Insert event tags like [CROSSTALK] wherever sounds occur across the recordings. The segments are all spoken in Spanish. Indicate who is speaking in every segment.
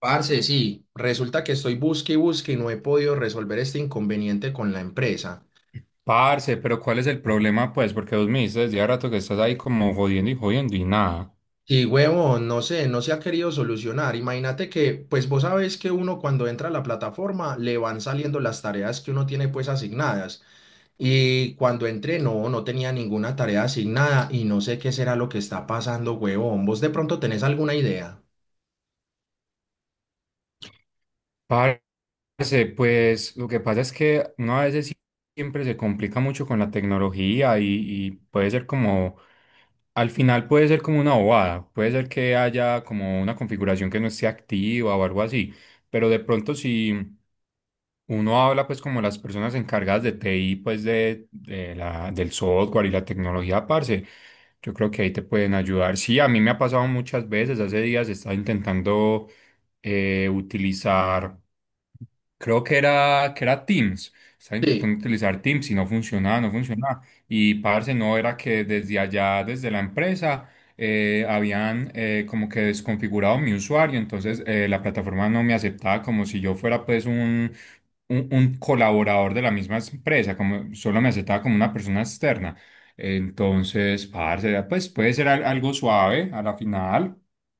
Speaker 1: Parce, sí, resulta que estoy busque y busque y no he podido resolver este inconveniente con la empresa.
Speaker 2: Parce, pero ¿cuál es el problema, pues? Porque vos me dices desde hace rato que estás ahí como jodiendo y jodiendo y nada.
Speaker 1: Sí, huevo, no sé, no se ha querido solucionar. Imagínate que, pues vos sabes que uno cuando entra a la plataforma le van saliendo las tareas que uno tiene pues asignadas. Y cuando entré, no, no tenía ninguna tarea asignada y no sé qué será lo que está pasando, huevón. ¿Vos de pronto tenés alguna idea?
Speaker 2: Parce, pues lo que pasa es que uno a veces siempre se complica mucho con la tecnología y puede ser como, al final puede ser como una bobada, puede ser que haya como una configuración que no esté activa o algo así, pero de pronto si... Uno habla pues como las personas encargadas de TI, pues del software y la tecnología, parce. Yo creo que ahí te pueden ayudar. Sí, a mí me ha pasado muchas veces, hace días estaba intentando utilizar. Creo que era Teams. Estaba
Speaker 1: Sí.
Speaker 2: intentando utilizar Teams y no funcionaba, no funcionaba. Y parce, no era que desde allá, desde la empresa, habían como que desconfigurado mi usuario. Entonces la plataforma no me aceptaba como si yo fuera pues un colaborador de la misma empresa, como solo me aceptaba como una persona externa. Entonces, parce, pues puede ser algo suave a la final.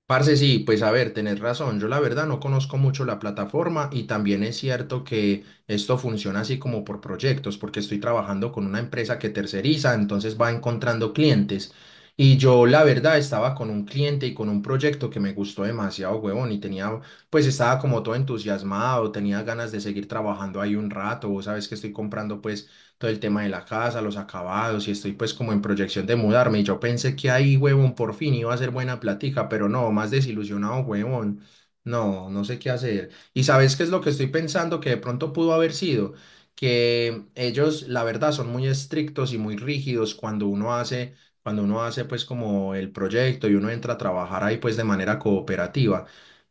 Speaker 1: Parce, sí, pues a ver, tenés razón. Yo la verdad no conozco mucho la plataforma y también es cierto que esto funciona así como por proyectos, porque estoy trabajando con una empresa que terceriza, entonces va encontrando clientes. Y yo la verdad estaba con un cliente y con un proyecto que me gustó demasiado, huevón, y tenía, pues estaba como todo entusiasmado, tenía ganas de seguir trabajando ahí un rato. Vos sabes que estoy comprando pues todo el tema de la casa, los acabados, y estoy pues como en proyección de mudarme. Y yo pensé que ahí, huevón, por fin iba a ser buena plática, pero no, más desilusionado, huevón. No, no sé qué hacer. ¿Y sabes qué es lo que estoy pensando que de pronto pudo haber sido? Que ellos, la verdad, son muy estrictos y muy rígidos cuando uno hace pues como el proyecto y uno entra a trabajar ahí pues de manera cooperativa.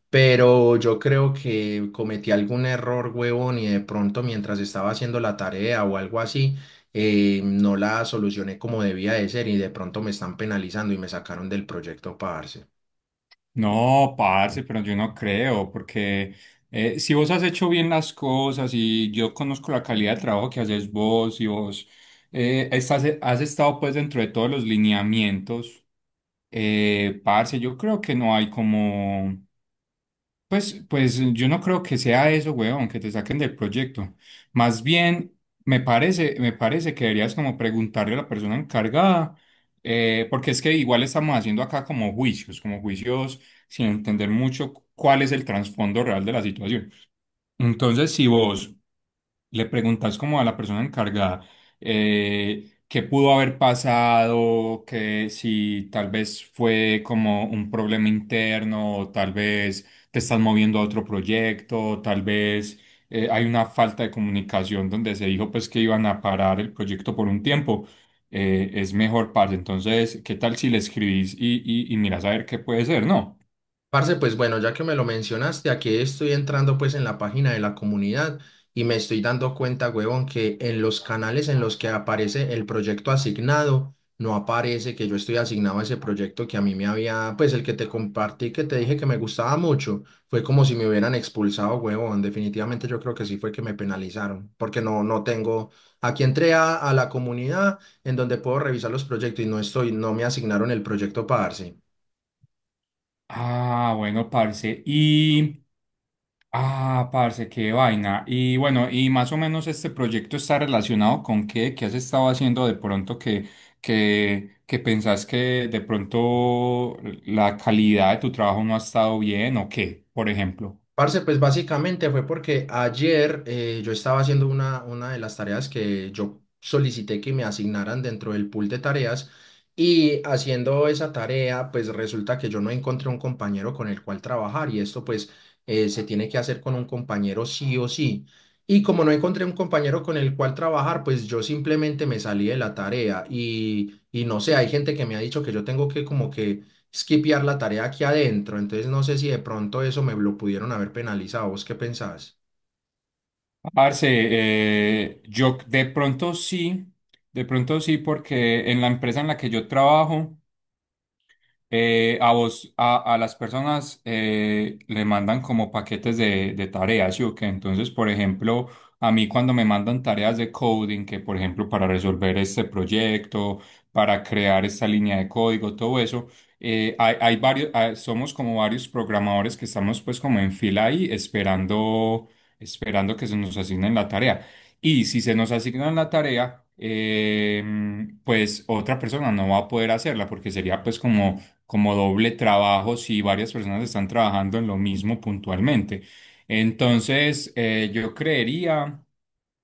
Speaker 1: Pero yo creo que cometí algún error, huevón, y de pronto mientras estaba haciendo la tarea o algo así, no la solucioné como debía de ser y de pronto me están penalizando y me sacaron del proyecto, parce.
Speaker 2: No, parce, pero yo no creo, porque si vos has hecho bien las cosas y yo conozco la calidad de trabajo que haces vos y vos has estado pues dentro de todos los lineamientos, parce, yo creo que no hay como... Pues yo no creo que sea eso, weón, que te saquen del proyecto. Más bien, me parece que deberías como preguntarle a la persona encargada, porque es que igual estamos haciendo acá como juicios sin entender mucho cuál es el trasfondo real de la situación. Entonces, si vos le preguntas como a la persona encargada qué pudo haber pasado, que si tal vez fue como un problema interno, o tal vez te estás moviendo a otro proyecto, o tal vez hay una falta de comunicación donde se dijo pues que iban a parar el proyecto por un tiempo. Es mejor, parce. Entonces, ¿qué tal si le escribís y miras a ver qué puede ser, no?
Speaker 1: Parce, pues bueno, ya que me lo mencionaste, aquí estoy entrando pues en la página de la comunidad y me estoy dando cuenta, huevón, que en los canales en los que aparece el proyecto asignado, no aparece que yo estoy asignado a ese proyecto que a mí me había, pues el que te compartí, que te dije que me gustaba mucho, fue como si me hubieran expulsado, huevón. Definitivamente yo creo que sí fue que me penalizaron, porque no, no tengo, aquí entré a la comunidad en donde puedo revisar los proyectos y no estoy, no me asignaron el proyecto parce.
Speaker 2: Ah, bueno, parce. Y ah, parce, qué vaina. Y bueno, y más o menos este proyecto está relacionado con qué, qué has estado haciendo de pronto que pensás que de pronto la calidad de tu trabajo no ha estado bien o qué, por ejemplo.
Speaker 1: Parce, pues básicamente fue porque ayer yo estaba haciendo una de las tareas que yo solicité que me asignaran dentro del pool de tareas y haciendo esa tarea, pues resulta que yo no encontré un compañero con el cual trabajar y esto pues se tiene que hacer con un compañero sí o sí. Y como no encontré un compañero con el cual trabajar, pues yo simplemente me salí de la tarea y no sé, hay gente que me ha dicho que yo tengo que como que skipear la tarea aquí adentro. Entonces no sé si de pronto eso me lo pudieron haber penalizado. ¿Vos qué pensás?
Speaker 2: Parce, yo de pronto sí, porque en la empresa en la que yo trabajo, a las personas le mandan como paquetes de tareas, ¿sí o qué? Entonces, por ejemplo, a mí cuando me mandan tareas de coding, que por ejemplo para resolver este proyecto, para crear esta línea de código, todo eso, hay varios, ah, somos como varios programadores que estamos pues como en fila ahí esperando, esperando que se nos asignen la tarea. Y si se nos asignan la tarea, pues otra persona no va a poder hacerla porque sería pues como como doble trabajo si varias personas están trabajando en lo mismo puntualmente. Entonces, yo creería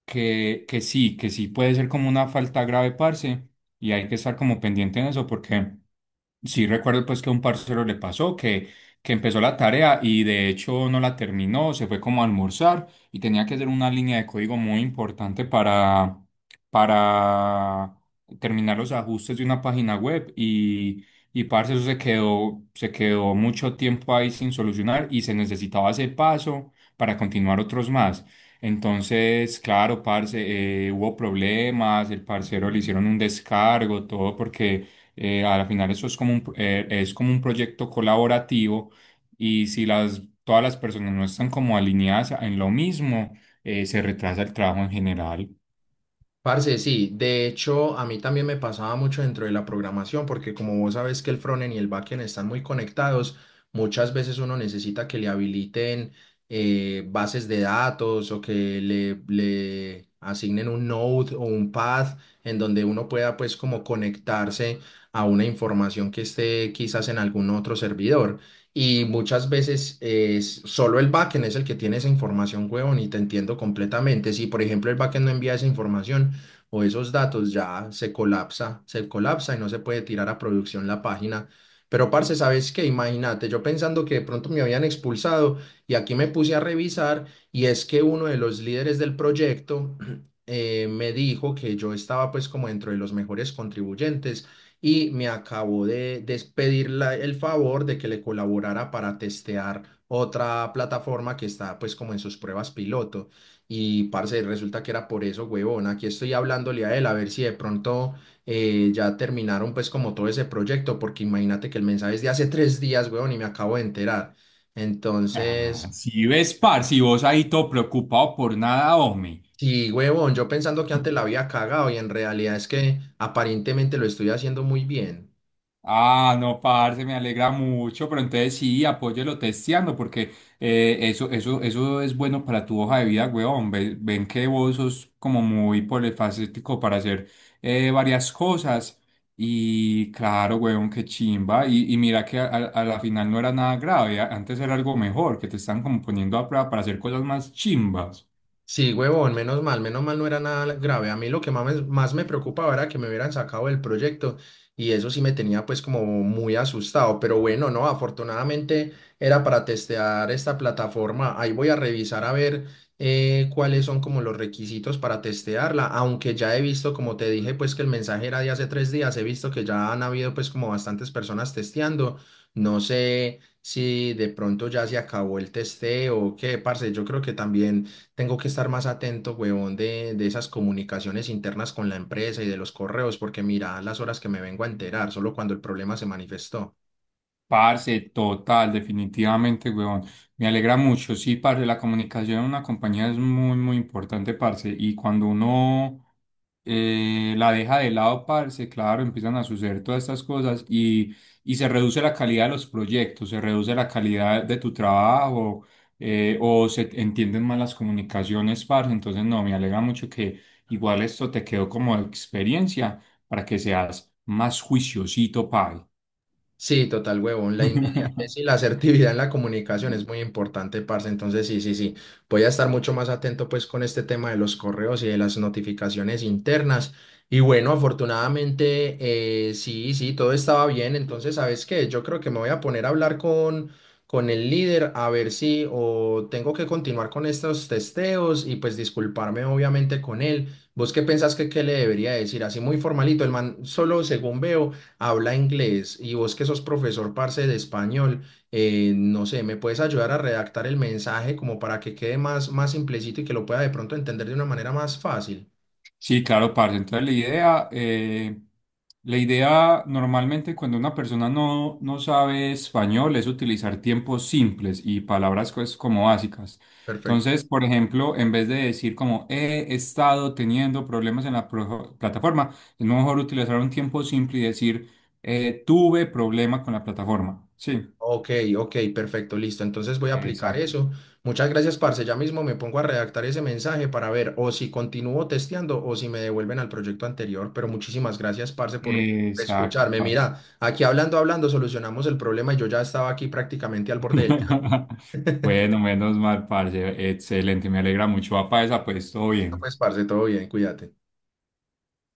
Speaker 2: que sí puede ser como una falta grave, parce, y hay que estar como pendiente en eso porque... Sí, recuerdo pues que a un parcero le pasó que empezó la tarea y de hecho no la terminó, se fue como a almorzar y tenía que hacer una línea de código muy importante para terminar los ajustes de una página web y parce, se quedó mucho tiempo ahí sin solucionar y se necesitaba ese paso para continuar otros más. Entonces, claro, parce, hubo problemas, el parcero le hicieron un descargo, todo porque a la final eso es como es como un proyecto colaborativo y si todas las personas no están como alineadas en lo mismo, se retrasa el trabajo en general.
Speaker 1: Parce, sí, de hecho a mí también me pasaba mucho dentro de la programación, porque como vos sabes que el frontend y el backend están muy conectados, muchas veces uno necesita que le habiliten bases de datos o que le asignen un node o un path en donde uno pueda pues como conectarse a una información que esté quizás en algún otro servidor. Y muchas veces es, solo el backend es el que tiene esa información, huevón, y te entiendo completamente. Si, por ejemplo, el backend no envía esa información, o esos datos ya se colapsa y no se puede tirar a producción la página. Pero, parce, ¿sabes qué? Imagínate, yo pensando que de pronto me habían expulsado y aquí me puse a revisar y es que uno de los líderes del proyecto [CLEARS THROAT] me dijo que yo estaba pues como dentro de los mejores contribuyentes y me acabó de despedir el favor de que le colaborara para testear otra plataforma que está pues como en sus pruebas piloto. Y parce, resulta que era por eso, huevón. Aquí estoy hablándole a él a ver si de pronto ya terminaron pues como todo ese proyecto, porque imagínate que el mensaje es de hace 3 días, huevón, y me acabo de enterar.
Speaker 2: Ah,
Speaker 1: Entonces,
Speaker 2: si ves, par, si vos ahí todo preocupado por nada, hombre.
Speaker 1: sí, huevón, yo pensando que antes la había cagado y en realidad es que aparentemente lo estoy haciendo muy bien.
Speaker 2: Ah, no, parce, me alegra mucho, pero entonces sí, apóyelo testeando, porque eso es bueno para tu hoja de vida, weón. Ven, que vos sos como muy polifacético para hacer varias cosas. Y claro, weón, qué chimba. Y mira que a a la final no era nada grave, antes era algo mejor, que te están como poniendo a prueba para hacer cosas más chimbas.
Speaker 1: Sí, huevón, menos mal no era nada grave. A mí lo que más más me preocupaba era que me hubieran sacado del proyecto y eso sí me tenía pues como muy asustado. Pero bueno, no, afortunadamente era para testear esta plataforma. Ahí voy a revisar a ver cuáles son como los requisitos para testearla. Aunque ya he visto, como te dije, pues que el mensaje era de hace 3 días, he visto que ya han habido pues como bastantes personas testeando. No sé si de pronto ya se acabó el testeo o qué, parce. Yo creo que también tengo que estar más atento, huevón, de esas comunicaciones internas con la empresa y de los correos, porque mira las horas que me vengo a enterar, solo cuando el problema se manifestó.
Speaker 2: Parce, total, definitivamente, weón. Me alegra mucho. Sí, parce, la comunicación en una compañía es muy, muy importante, parce. Y cuando uno la deja de lado, parce, claro, empiezan a suceder todas estas cosas y se reduce la calidad de los proyectos, se reduce la calidad de tu trabajo o se entienden mal las comunicaciones, parce. Entonces, no, me alegra mucho que igual esto te quedó como experiencia para que seas más juiciosito, pai.
Speaker 1: Sí, total, huevón. La
Speaker 2: [LAUGHS]
Speaker 1: inmediatez y la asertividad en la comunicación es muy importante, parce. Entonces, sí, sí, sí. Voy a estar mucho más atento, pues, con este tema de los correos y de las notificaciones internas. Y bueno, afortunadamente, sí, sí, todo estaba bien. Entonces, ¿sabes qué? Yo creo que me voy a poner a hablar con el líder a ver si o tengo que continuar con estos testeos y, pues, disculparme, obviamente, con él. ¿Vos qué pensás que qué le debería decir? Así muy formalito. El man, solo según veo habla inglés y vos que sos profesor, parce, de español, no sé, ¿me puedes ayudar a redactar el mensaje como para que quede más, más simplecito y que lo pueda de pronto entender de una manera más fácil?
Speaker 2: Sí, claro, parce. Entonces la idea normalmente cuando una persona no, no sabe español es utilizar tiempos simples y palabras pues como básicas.
Speaker 1: Perfecto.
Speaker 2: Entonces, por ejemplo, en vez de decir como he estado teniendo problemas en la plataforma, es mejor utilizar un tiempo simple y decir tuve problema con la plataforma. Sí,
Speaker 1: Ok, ok, perfecto, listo. Entonces voy a aplicar
Speaker 2: exacto.
Speaker 1: eso. Muchas gracias, parce. Ya mismo me pongo a redactar ese mensaje para ver o si continúo testeando o si me devuelven al proyecto anterior. Pero muchísimas gracias, parce, por
Speaker 2: Exacto,
Speaker 1: escucharme.
Speaker 2: parce.
Speaker 1: Mira, aquí hablando, hablando, solucionamos el problema y yo ya estaba aquí prácticamente al borde del llanto.
Speaker 2: [LAUGHS] Bueno, menos mal, parce. Excelente, me alegra mucho. Va para esa, pues todo
Speaker 1: Listo,
Speaker 2: bien.
Speaker 1: pues, parce, todo bien, cuídate.